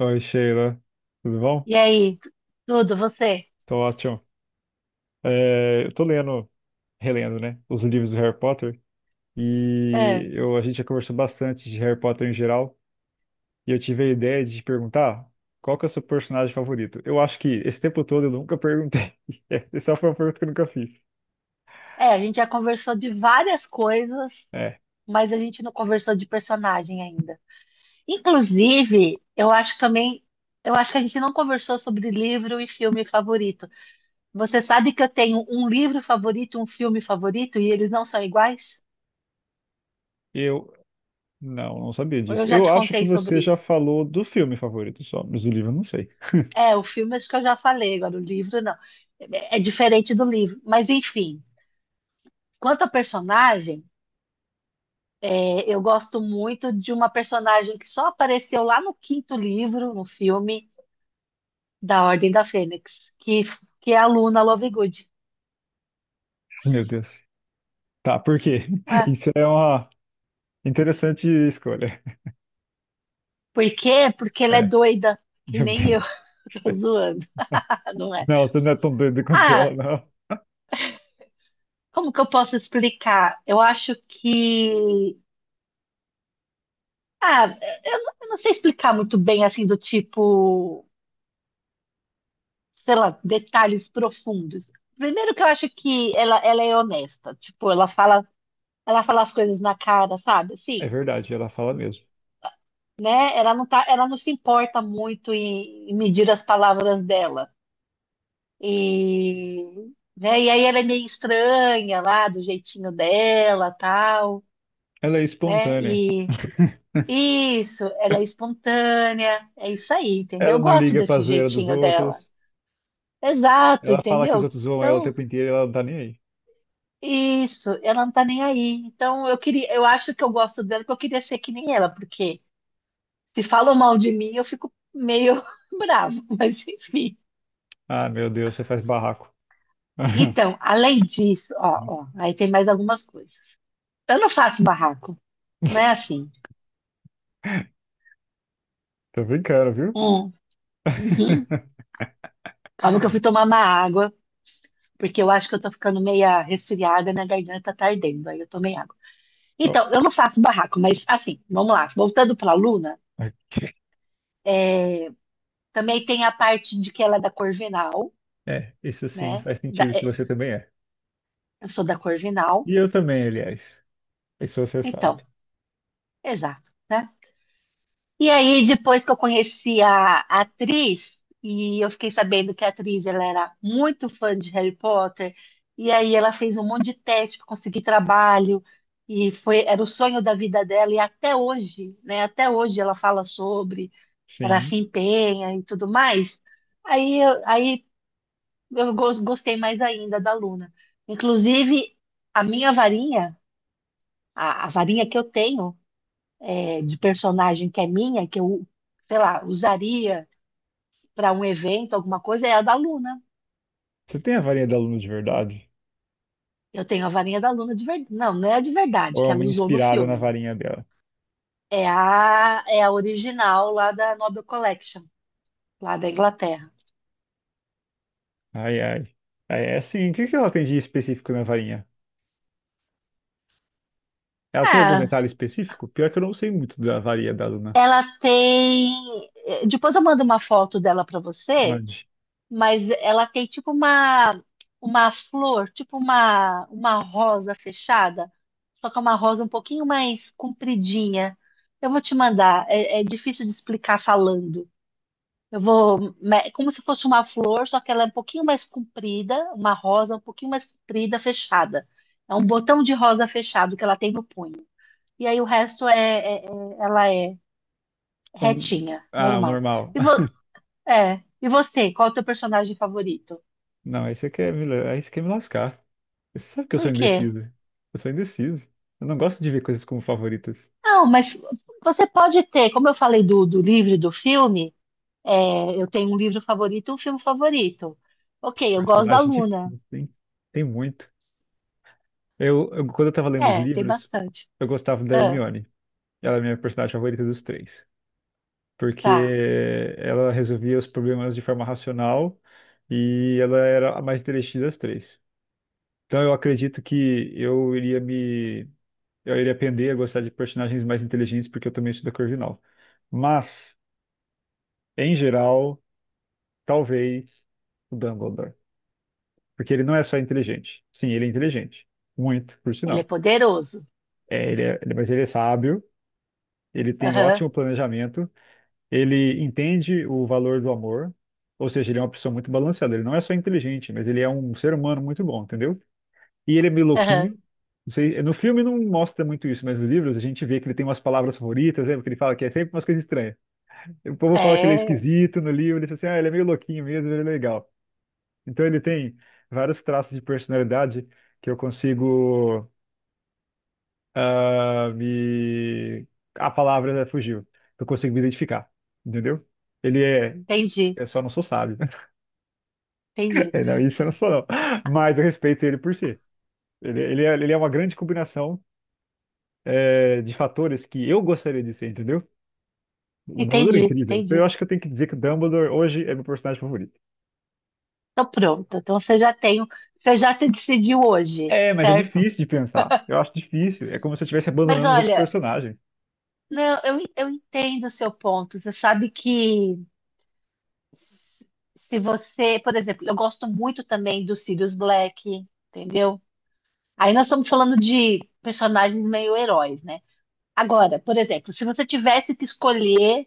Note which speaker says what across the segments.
Speaker 1: Oi, Sheila. Tudo bom?
Speaker 2: E aí, tudo, você?
Speaker 1: Tô ótimo. É, eu tô lendo, relendo, né, os livros do Harry Potter
Speaker 2: É,
Speaker 1: e eu, a gente já conversou bastante de Harry Potter em geral e eu tive a ideia de te perguntar qual que é o seu personagem favorito. Eu acho que esse tempo todo eu nunca perguntei. Essa foi uma pergunta que eu nunca fiz.
Speaker 2: é, a gente já conversou de várias coisas,
Speaker 1: É,
Speaker 2: mas a gente não conversou de personagem ainda. Inclusive, eu acho também, eu acho que a gente não conversou sobre livro e filme favorito. Você sabe que eu tenho um livro favorito, um filme favorito, e eles não são iguais?
Speaker 1: eu não, não sabia
Speaker 2: Ou eu
Speaker 1: disso.
Speaker 2: já
Speaker 1: Eu
Speaker 2: te
Speaker 1: acho que
Speaker 2: contei
Speaker 1: você
Speaker 2: sobre
Speaker 1: já
Speaker 2: isso?
Speaker 1: falou do filme favorito só, mas do livro eu não sei.
Speaker 2: É, o filme acho que eu já falei, agora o livro não. É diferente do livro. Mas enfim, quanto ao personagem. É, eu gosto muito de uma personagem que só apareceu lá no quinto livro, no filme da Ordem da Fênix, que é a Luna Lovegood.
Speaker 1: Meu Deus. Tá, por quê?
Speaker 2: É.
Speaker 1: Isso é uma interessante escolha.
Speaker 2: Por quê? Porque ela é
Speaker 1: É.
Speaker 2: doida, que
Speaker 1: Meu
Speaker 2: nem
Speaker 1: Deus.
Speaker 2: eu, tô zoando, não é?
Speaker 1: Não, você não é tão doido quanto
Speaker 2: Ah,
Speaker 1: ela, não.
Speaker 2: como que eu posso explicar? Eu acho que. Ah, eu não sei explicar muito bem, assim, do tipo, sei lá, detalhes profundos. Primeiro que eu acho que ela é honesta, tipo, ela fala as coisas na cara, sabe?
Speaker 1: É
Speaker 2: Assim.
Speaker 1: verdade, ela fala mesmo.
Speaker 2: Ela não se importa muito em medir as palavras dela. E, né, e aí ela é meio estranha lá, do jeitinho dela, tal,
Speaker 1: Ela é
Speaker 2: né?
Speaker 1: espontânea.
Speaker 2: E isso, ela é espontânea, é isso aí, entendeu?
Speaker 1: Ela
Speaker 2: Eu
Speaker 1: não
Speaker 2: gosto
Speaker 1: liga pra
Speaker 2: desse
Speaker 1: zoeira dos
Speaker 2: jeitinho dela.
Speaker 1: outros.
Speaker 2: Exato,
Speaker 1: Ela fala que os
Speaker 2: entendeu?
Speaker 1: outros zoam ela o
Speaker 2: Então,
Speaker 1: tempo inteiro e ela não tá nem aí.
Speaker 2: isso, ela não tá nem aí. Então, eu queria, eu acho que eu gosto dela porque eu queria ser que nem ela, porque se falam mal de mim, eu fico meio bravo, mas enfim.
Speaker 1: Ah, meu Deus, você faz barraco.
Speaker 2: Então, além disso, ó, ó, aí tem mais algumas coisas. Eu não faço barraco, não é assim.
Speaker 1: Tô brincando, viu?
Speaker 2: Hum, uhum. Calma que eu fui tomar uma água, porque eu acho que eu tô ficando meia resfriada, minha garganta tá ardendo, aí eu tomei água.
Speaker 1: Oh,
Speaker 2: Então, eu não faço barraco, mas assim, vamos lá. Voltando pra Luna,
Speaker 1: ok.
Speaker 2: também tem a parte de que ela é da Corvinal,
Speaker 1: É, isso sim
Speaker 2: né?
Speaker 1: faz
Speaker 2: Da-
Speaker 1: sentido que
Speaker 2: é,
Speaker 1: você também é.
Speaker 2: eu sou da Corvinal,
Speaker 1: E eu também, aliás. Isso você sabe.
Speaker 2: então, exato, né? E aí, depois que eu conheci a atriz, e eu fiquei sabendo que a atriz ela era muito fã de Harry Potter, e aí ela fez um monte de teste para conseguir trabalho, e foi, era o sonho da vida dela, e até hoje, né? Até hoje ela fala sobre, ela se
Speaker 1: Sim.
Speaker 2: empenha e tudo mais. Aí, aí eu gostei mais ainda da Luna. Inclusive, a minha varinha, a varinha que eu tenho é, de personagem que é minha, que eu, sei lá, usaria para um evento, alguma coisa, é a da Luna.
Speaker 1: Você tem a varinha da aluna de verdade?
Speaker 2: Eu tenho a varinha da Luna de verdade. Não, não é a de
Speaker 1: Ou
Speaker 2: verdade,
Speaker 1: é
Speaker 2: que ela
Speaker 1: uma
Speaker 2: usou no
Speaker 1: inspirada na
Speaker 2: filme.
Speaker 1: varinha dela?
Speaker 2: É a, é a original lá da Nobel Collection, lá da Inglaterra.
Speaker 1: Ai, ai. Ai, é assim, o que que ela tem de específico na varinha? Ela tem algum
Speaker 2: Ah,
Speaker 1: detalhe específico? Pior que eu não sei muito da varinha da Luna.
Speaker 2: ela tem. Depois eu mando uma foto dela para você,
Speaker 1: Mande.
Speaker 2: mas ela tem tipo uma flor, tipo uma rosa fechada, só que é uma rosa um pouquinho mais compridinha. Eu vou te mandar, é, é difícil de explicar falando. Como se fosse uma flor, só que ela é um pouquinho mais comprida, uma rosa um pouquinho mais comprida, fechada. É um botão de rosa fechado que ela tem no punho. E aí o resto ela é
Speaker 1: Um...
Speaker 2: retinha,
Speaker 1: Ah, o
Speaker 2: normal.
Speaker 1: normal.
Speaker 2: E vo, e você, qual é o teu personagem favorito?
Speaker 1: Não, aí você quer me lascar. Você sabe que eu
Speaker 2: Por
Speaker 1: sou
Speaker 2: quê?
Speaker 1: indeciso. Eu sou indeciso. Eu não gosto de ver coisas como favoritas.
Speaker 2: Não, mas você pode ter, como eu falei do, do livro e do filme, é, eu tenho um livro favorito e um filme favorito.
Speaker 1: Que
Speaker 2: Ok, eu gosto da
Speaker 1: personagem
Speaker 2: Luna.
Speaker 1: difícil, hein? Tem muito. Quando eu tava lendo os
Speaker 2: É, tem
Speaker 1: livros,
Speaker 2: bastante.
Speaker 1: eu gostava da
Speaker 2: Ah,
Speaker 1: Hermione. Ela é a minha personagem favorita dos três. Porque
Speaker 2: tá.
Speaker 1: ela resolvia os problemas de forma racional e ela era a mais inteligente das três. Então eu acredito que eu iria aprender a gostar de personagens mais inteligentes porque eu também sou da Corvinal. Mas em geral, talvez o Dumbledore, porque ele não é só inteligente. Sim, ele é inteligente, muito, por
Speaker 2: Ele
Speaker 1: sinal.
Speaker 2: é poderoso.
Speaker 1: É, mas ele é sábio, ele tem
Speaker 2: Aham,
Speaker 1: ótimo planejamento. Ele entende o valor do amor, ou seja, ele é uma pessoa muito balanceada. Ele não é só inteligente, mas ele é um ser humano muito bom, entendeu? E ele é meio
Speaker 2: aham.
Speaker 1: louquinho. Não sei, no filme não mostra muito isso, mas nos livros a gente vê que ele tem umas palavras favoritas, lembra? Que ele fala que é sempre umas coisas estranhas. O povo fala que ele é
Speaker 2: É,
Speaker 1: esquisito no livro, ele diz assim, ah, ele é meio louquinho mesmo, ele é legal. Então ele tem vários traços de personalidade que eu consigo ah, me... A palavra fugiu, que eu consigo me identificar, entendeu? Ele é.
Speaker 2: entendi,
Speaker 1: Eu só não sou sábio.
Speaker 2: entendi,
Speaker 1: É, não, isso eu não sou, não. Mas eu respeito ele por si. Ele é uma grande combinação, é, de fatores que eu gostaria de ser, entendeu? O Dumbledore é
Speaker 2: entendi,
Speaker 1: incrível. Então eu
Speaker 2: entendi.
Speaker 1: acho que eu tenho que dizer que o Dumbledore hoje é meu personagem favorito.
Speaker 2: Então pronto, então você já tem, você já se decidiu hoje,
Speaker 1: É, mas é
Speaker 2: certo?
Speaker 1: difícil de pensar. Eu acho difícil. É como se eu estivesse
Speaker 2: Mas
Speaker 1: abandonando os outros
Speaker 2: olha,
Speaker 1: personagens.
Speaker 2: não, eu entendo o seu ponto. Você sabe que se você, por exemplo, eu gosto muito também do Sirius Black, entendeu? Aí nós estamos falando de personagens meio heróis, né? Agora, por exemplo, se você tivesse que escolher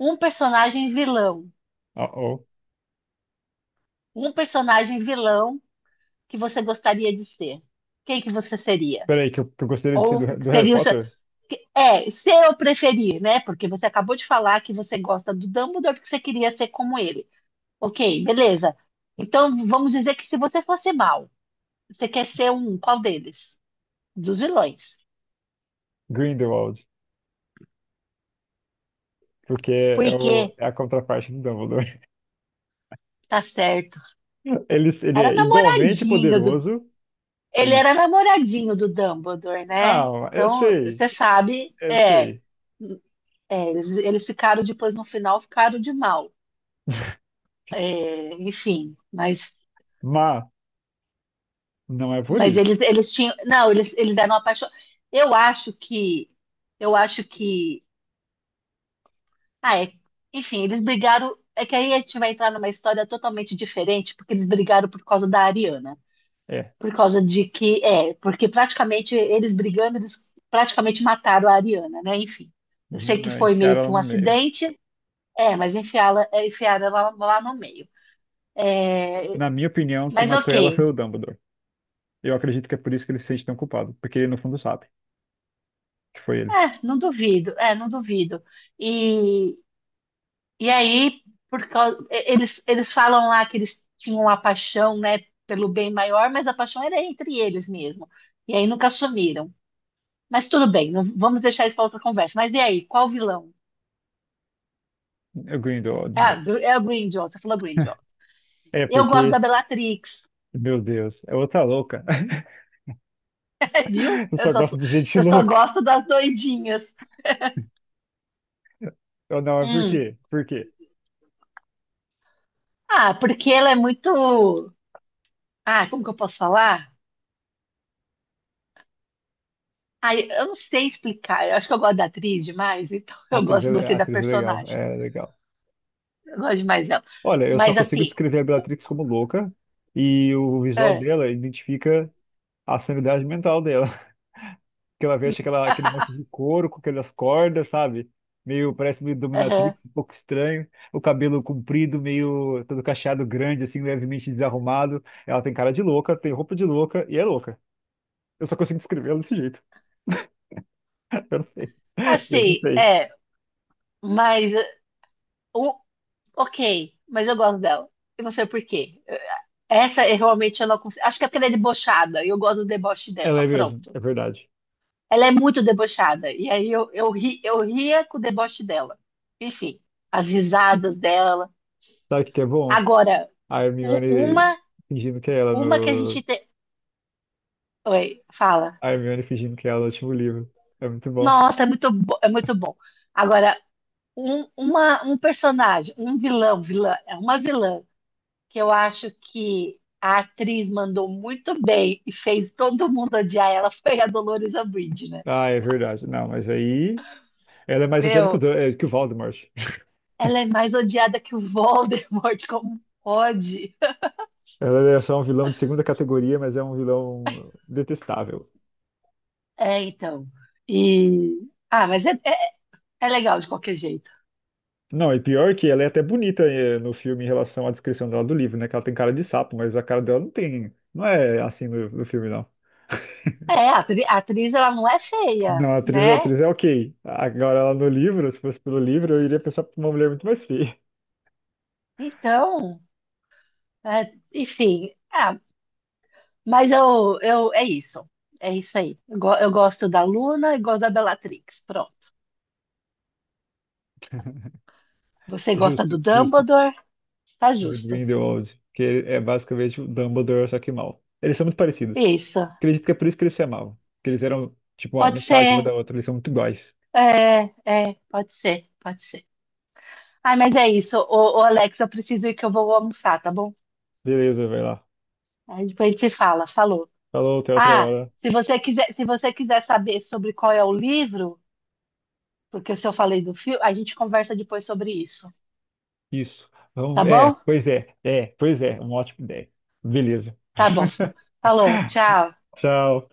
Speaker 2: um personagem vilão,
Speaker 1: Oh, oh.
Speaker 2: um personagem vilão que você gostaria de ser? Quem que você seria?
Speaker 1: Peraí, que eu gostaria de ser do,
Speaker 2: Ou
Speaker 1: do Harry
Speaker 2: seria o seu.
Speaker 1: Potter?
Speaker 2: É, ser eu preferir, né? Porque você acabou de falar que você gosta do Dumbledore porque você queria ser como ele. Ok, beleza. Então vamos dizer que se você fosse mal, você quer ser um qual deles? Dos vilões.
Speaker 1: Grindelwald. Porque é, o,
Speaker 2: Porque,
Speaker 1: é a contraparte do Dumbledore.
Speaker 2: tá certo.
Speaker 1: Ele
Speaker 2: Era
Speaker 1: é igualmente
Speaker 2: namoradinho do.
Speaker 1: poderoso.
Speaker 2: Ele
Speaker 1: Aí.
Speaker 2: era namoradinho do Dumbledore, né?
Speaker 1: Ah, eu
Speaker 2: Então,
Speaker 1: sei.
Speaker 2: você sabe,
Speaker 1: Eu
Speaker 2: é,
Speaker 1: sei.
Speaker 2: é, eles ficaram depois no final, ficaram de mal. É, enfim, mas,
Speaker 1: Mas não é por
Speaker 2: mas
Speaker 1: isso.
Speaker 2: eles tinham. Não, eles eram apaixonados. Eu acho que. Eu acho que. Ah, é. Enfim, eles brigaram. É que aí a gente vai entrar numa história totalmente diferente, porque eles brigaram por causa da Ariana.
Speaker 1: É,
Speaker 2: Por causa de que. É, porque praticamente eles brigando, eles praticamente mataram a Ariana, né? Enfim. Eu sei
Speaker 1: uhum,
Speaker 2: que
Speaker 1: é,
Speaker 2: foi meio
Speaker 1: enfiaram
Speaker 2: que
Speaker 1: ela
Speaker 2: um
Speaker 1: no meio.
Speaker 2: acidente, é, mas enfiaram ela lá no meio.
Speaker 1: Na minha opinião, quem
Speaker 2: Mas
Speaker 1: matou
Speaker 2: ok,
Speaker 1: ela foi o Dumbledore. Eu acredito que é por isso que ele se sente tão culpado, porque ele no fundo sabe que foi ele,
Speaker 2: não duvido, não duvido. E, E aí, por causa, eles falam lá que eles tinham uma paixão, né, pelo bem maior, mas a paixão era entre eles mesmo. E aí nunca assumiram. Mas tudo bem, vamos deixar isso para outra conversa. Mas e aí, qual vilão?
Speaker 1: o Grindelwald
Speaker 2: É a,
Speaker 1: mesmo.
Speaker 2: Gr- é a Grindelwald, você falou Grindelwald.
Speaker 1: É
Speaker 2: Eu gosto da
Speaker 1: porque,
Speaker 2: Bellatrix,
Speaker 1: meu Deus, é outra louca.
Speaker 2: viu?
Speaker 1: Eu
Speaker 2: Eu
Speaker 1: só
Speaker 2: só,
Speaker 1: gosto
Speaker 2: sou-
Speaker 1: de gente
Speaker 2: eu só
Speaker 1: louca.
Speaker 2: gosto das doidinhas.
Speaker 1: Eu não, é por
Speaker 2: Hum.
Speaker 1: quê? Por quê?
Speaker 2: Ah, porque ela é muito. Ah, como que eu posso falar? Ah, eu não sei explicar. Eu acho que eu gosto da atriz demais, então eu gosto,
Speaker 1: A
Speaker 2: gostei da
Speaker 1: atriz é legal,
Speaker 2: personagem.
Speaker 1: é legal.
Speaker 2: Eu gosto de mais ela.
Speaker 1: Olha, eu só
Speaker 2: Mas
Speaker 1: consigo
Speaker 2: assim,
Speaker 1: descrever a Bellatrix como louca e o visual
Speaker 2: é,
Speaker 1: dela identifica a sanidade mental dela. Aquele monte de couro com aquelas cordas, sabe? Meio, parece meio
Speaker 2: aham.
Speaker 1: dominatrix, um pouco estranho. O cabelo comprido, meio todo cacheado grande, assim, levemente desarrumado. Ela tem cara de louca, tem roupa de louca e é louca. Eu só consigo descrever ela desse jeito. Eu não sei. Eu não
Speaker 2: Assim,
Speaker 1: sei.
Speaker 2: é, mas o, ok, mas eu gosto dela. E não sei por quê. Essa eu realmente eu não consigo. Acho que é porque ela é debochada. E eu gosto do deboche
Speaker 1: Ela
Speaker 2: dela.
Speaker 1: é mesmo,
Speaker 2: Pronto.
Speaker 1: é verdade.
Speaker 2: Ela é muito debochada. E aí eu ria com o deboche dela. Enfim, as risadas dela.
Speaker 1: Sabe o que que é bom?
Speaker 2: Agora,
Speaker 1: A
Speaker 2: u-
Speaker 1: Hermione
Speaker 2: uma,
Speaker 1: fingindo que é ela
Speaker 2: uma que a gente
Speaker 1: no.
Speaker 2: tem. Oi, fala.
Speaker 1: A Hermione fingindo que é ela no último livro. É muito bom.
Speaker 2: Nossa, é muito bom. Agora, um personagem, é uma vilã que eu acho que a atriz mandou muito bem e fez todo mundo odiar ela foi a Dolores Umbridge, né?
Speaker 1: Ah, é verdade. Não, mas aí. Ela é mais odiada que o,
Speaker 2: Meu,
Speaker 1: Que o Voldemort.
Speaker 2: ela é mais odiada que o Voldemort, como pode?
Speaker 1: Ela é só um vilão de segunda categoria, mas é um vilão detestável.
Speaker 2: É, então. E ah, mas é legal de qualquer jeito.
Speaker 1: Não, e pior que ela é até bonita, no filme em relação à descrição dela do livro, né? Que ela tem cara de sapo, mas a cara dela não tem. Não é assim no filme, não.
Speaker 2: É, a atriz, ela não é feia,
Speaker 1: Não, a
Speaker 2: né?
Speaker 1: atriz é ok. Agora ela no livro, se fosse pelo livro, eu iria pensar pra uma mulher muito mais feia.
Speaker 2: Então, é, enfim, ah, mas eu, é isso. É isso aí. Eu gosto da Luna e gosto da Bellatrix. Pronto. Você gosta
Speaker 1: Justo,
Speaker 2: do
Speaker 1: justo.
Speaker 2: Dumbledore? Tá
Speaker 1: The
Speaker 2: justo.
Speaker 1: Grindelwald, que é basicamente o Dumbledore, só que mal. Eles são muito parecidos.
Speaker 2: Isso.
Speaker 1: Acredito que é por isso que eles se amavam. Que eles eram, tipo, ó,
Speaker 2: Pode
Speaker 1: metade uma
Speaker 2: ser.
Speaker 1: da outra, eles são muito iguais.
Speaker 2: É, pode ser. Pode ser. Ai, mas é isso. Ô, ô, Alex, eu preciso ir que eu vou almoçar, tá bom?
Speaker 1: Beleza, vai lá.
Speaker 2: Aí depois a gente se fala. Falou.
Speaker 1: Falou, até outra
Speaker 2: Ah,
Speaker 1: hora.
Speaker 2: se você quiser, se você quiser saber sobre qual é o livro, porque se eu falei do filme, a gente conversa depois sobre isso.
Speaker 1: Isso.
Speaker 2: Tá
Speaker 1: Vamos,
Speaker 2: bom?
Speaker 1: é, pois é, uma ótima ideia. Beleza.
Speaker 2: Tá bom. Falou. Tchau.
Speaker 1: Tchau.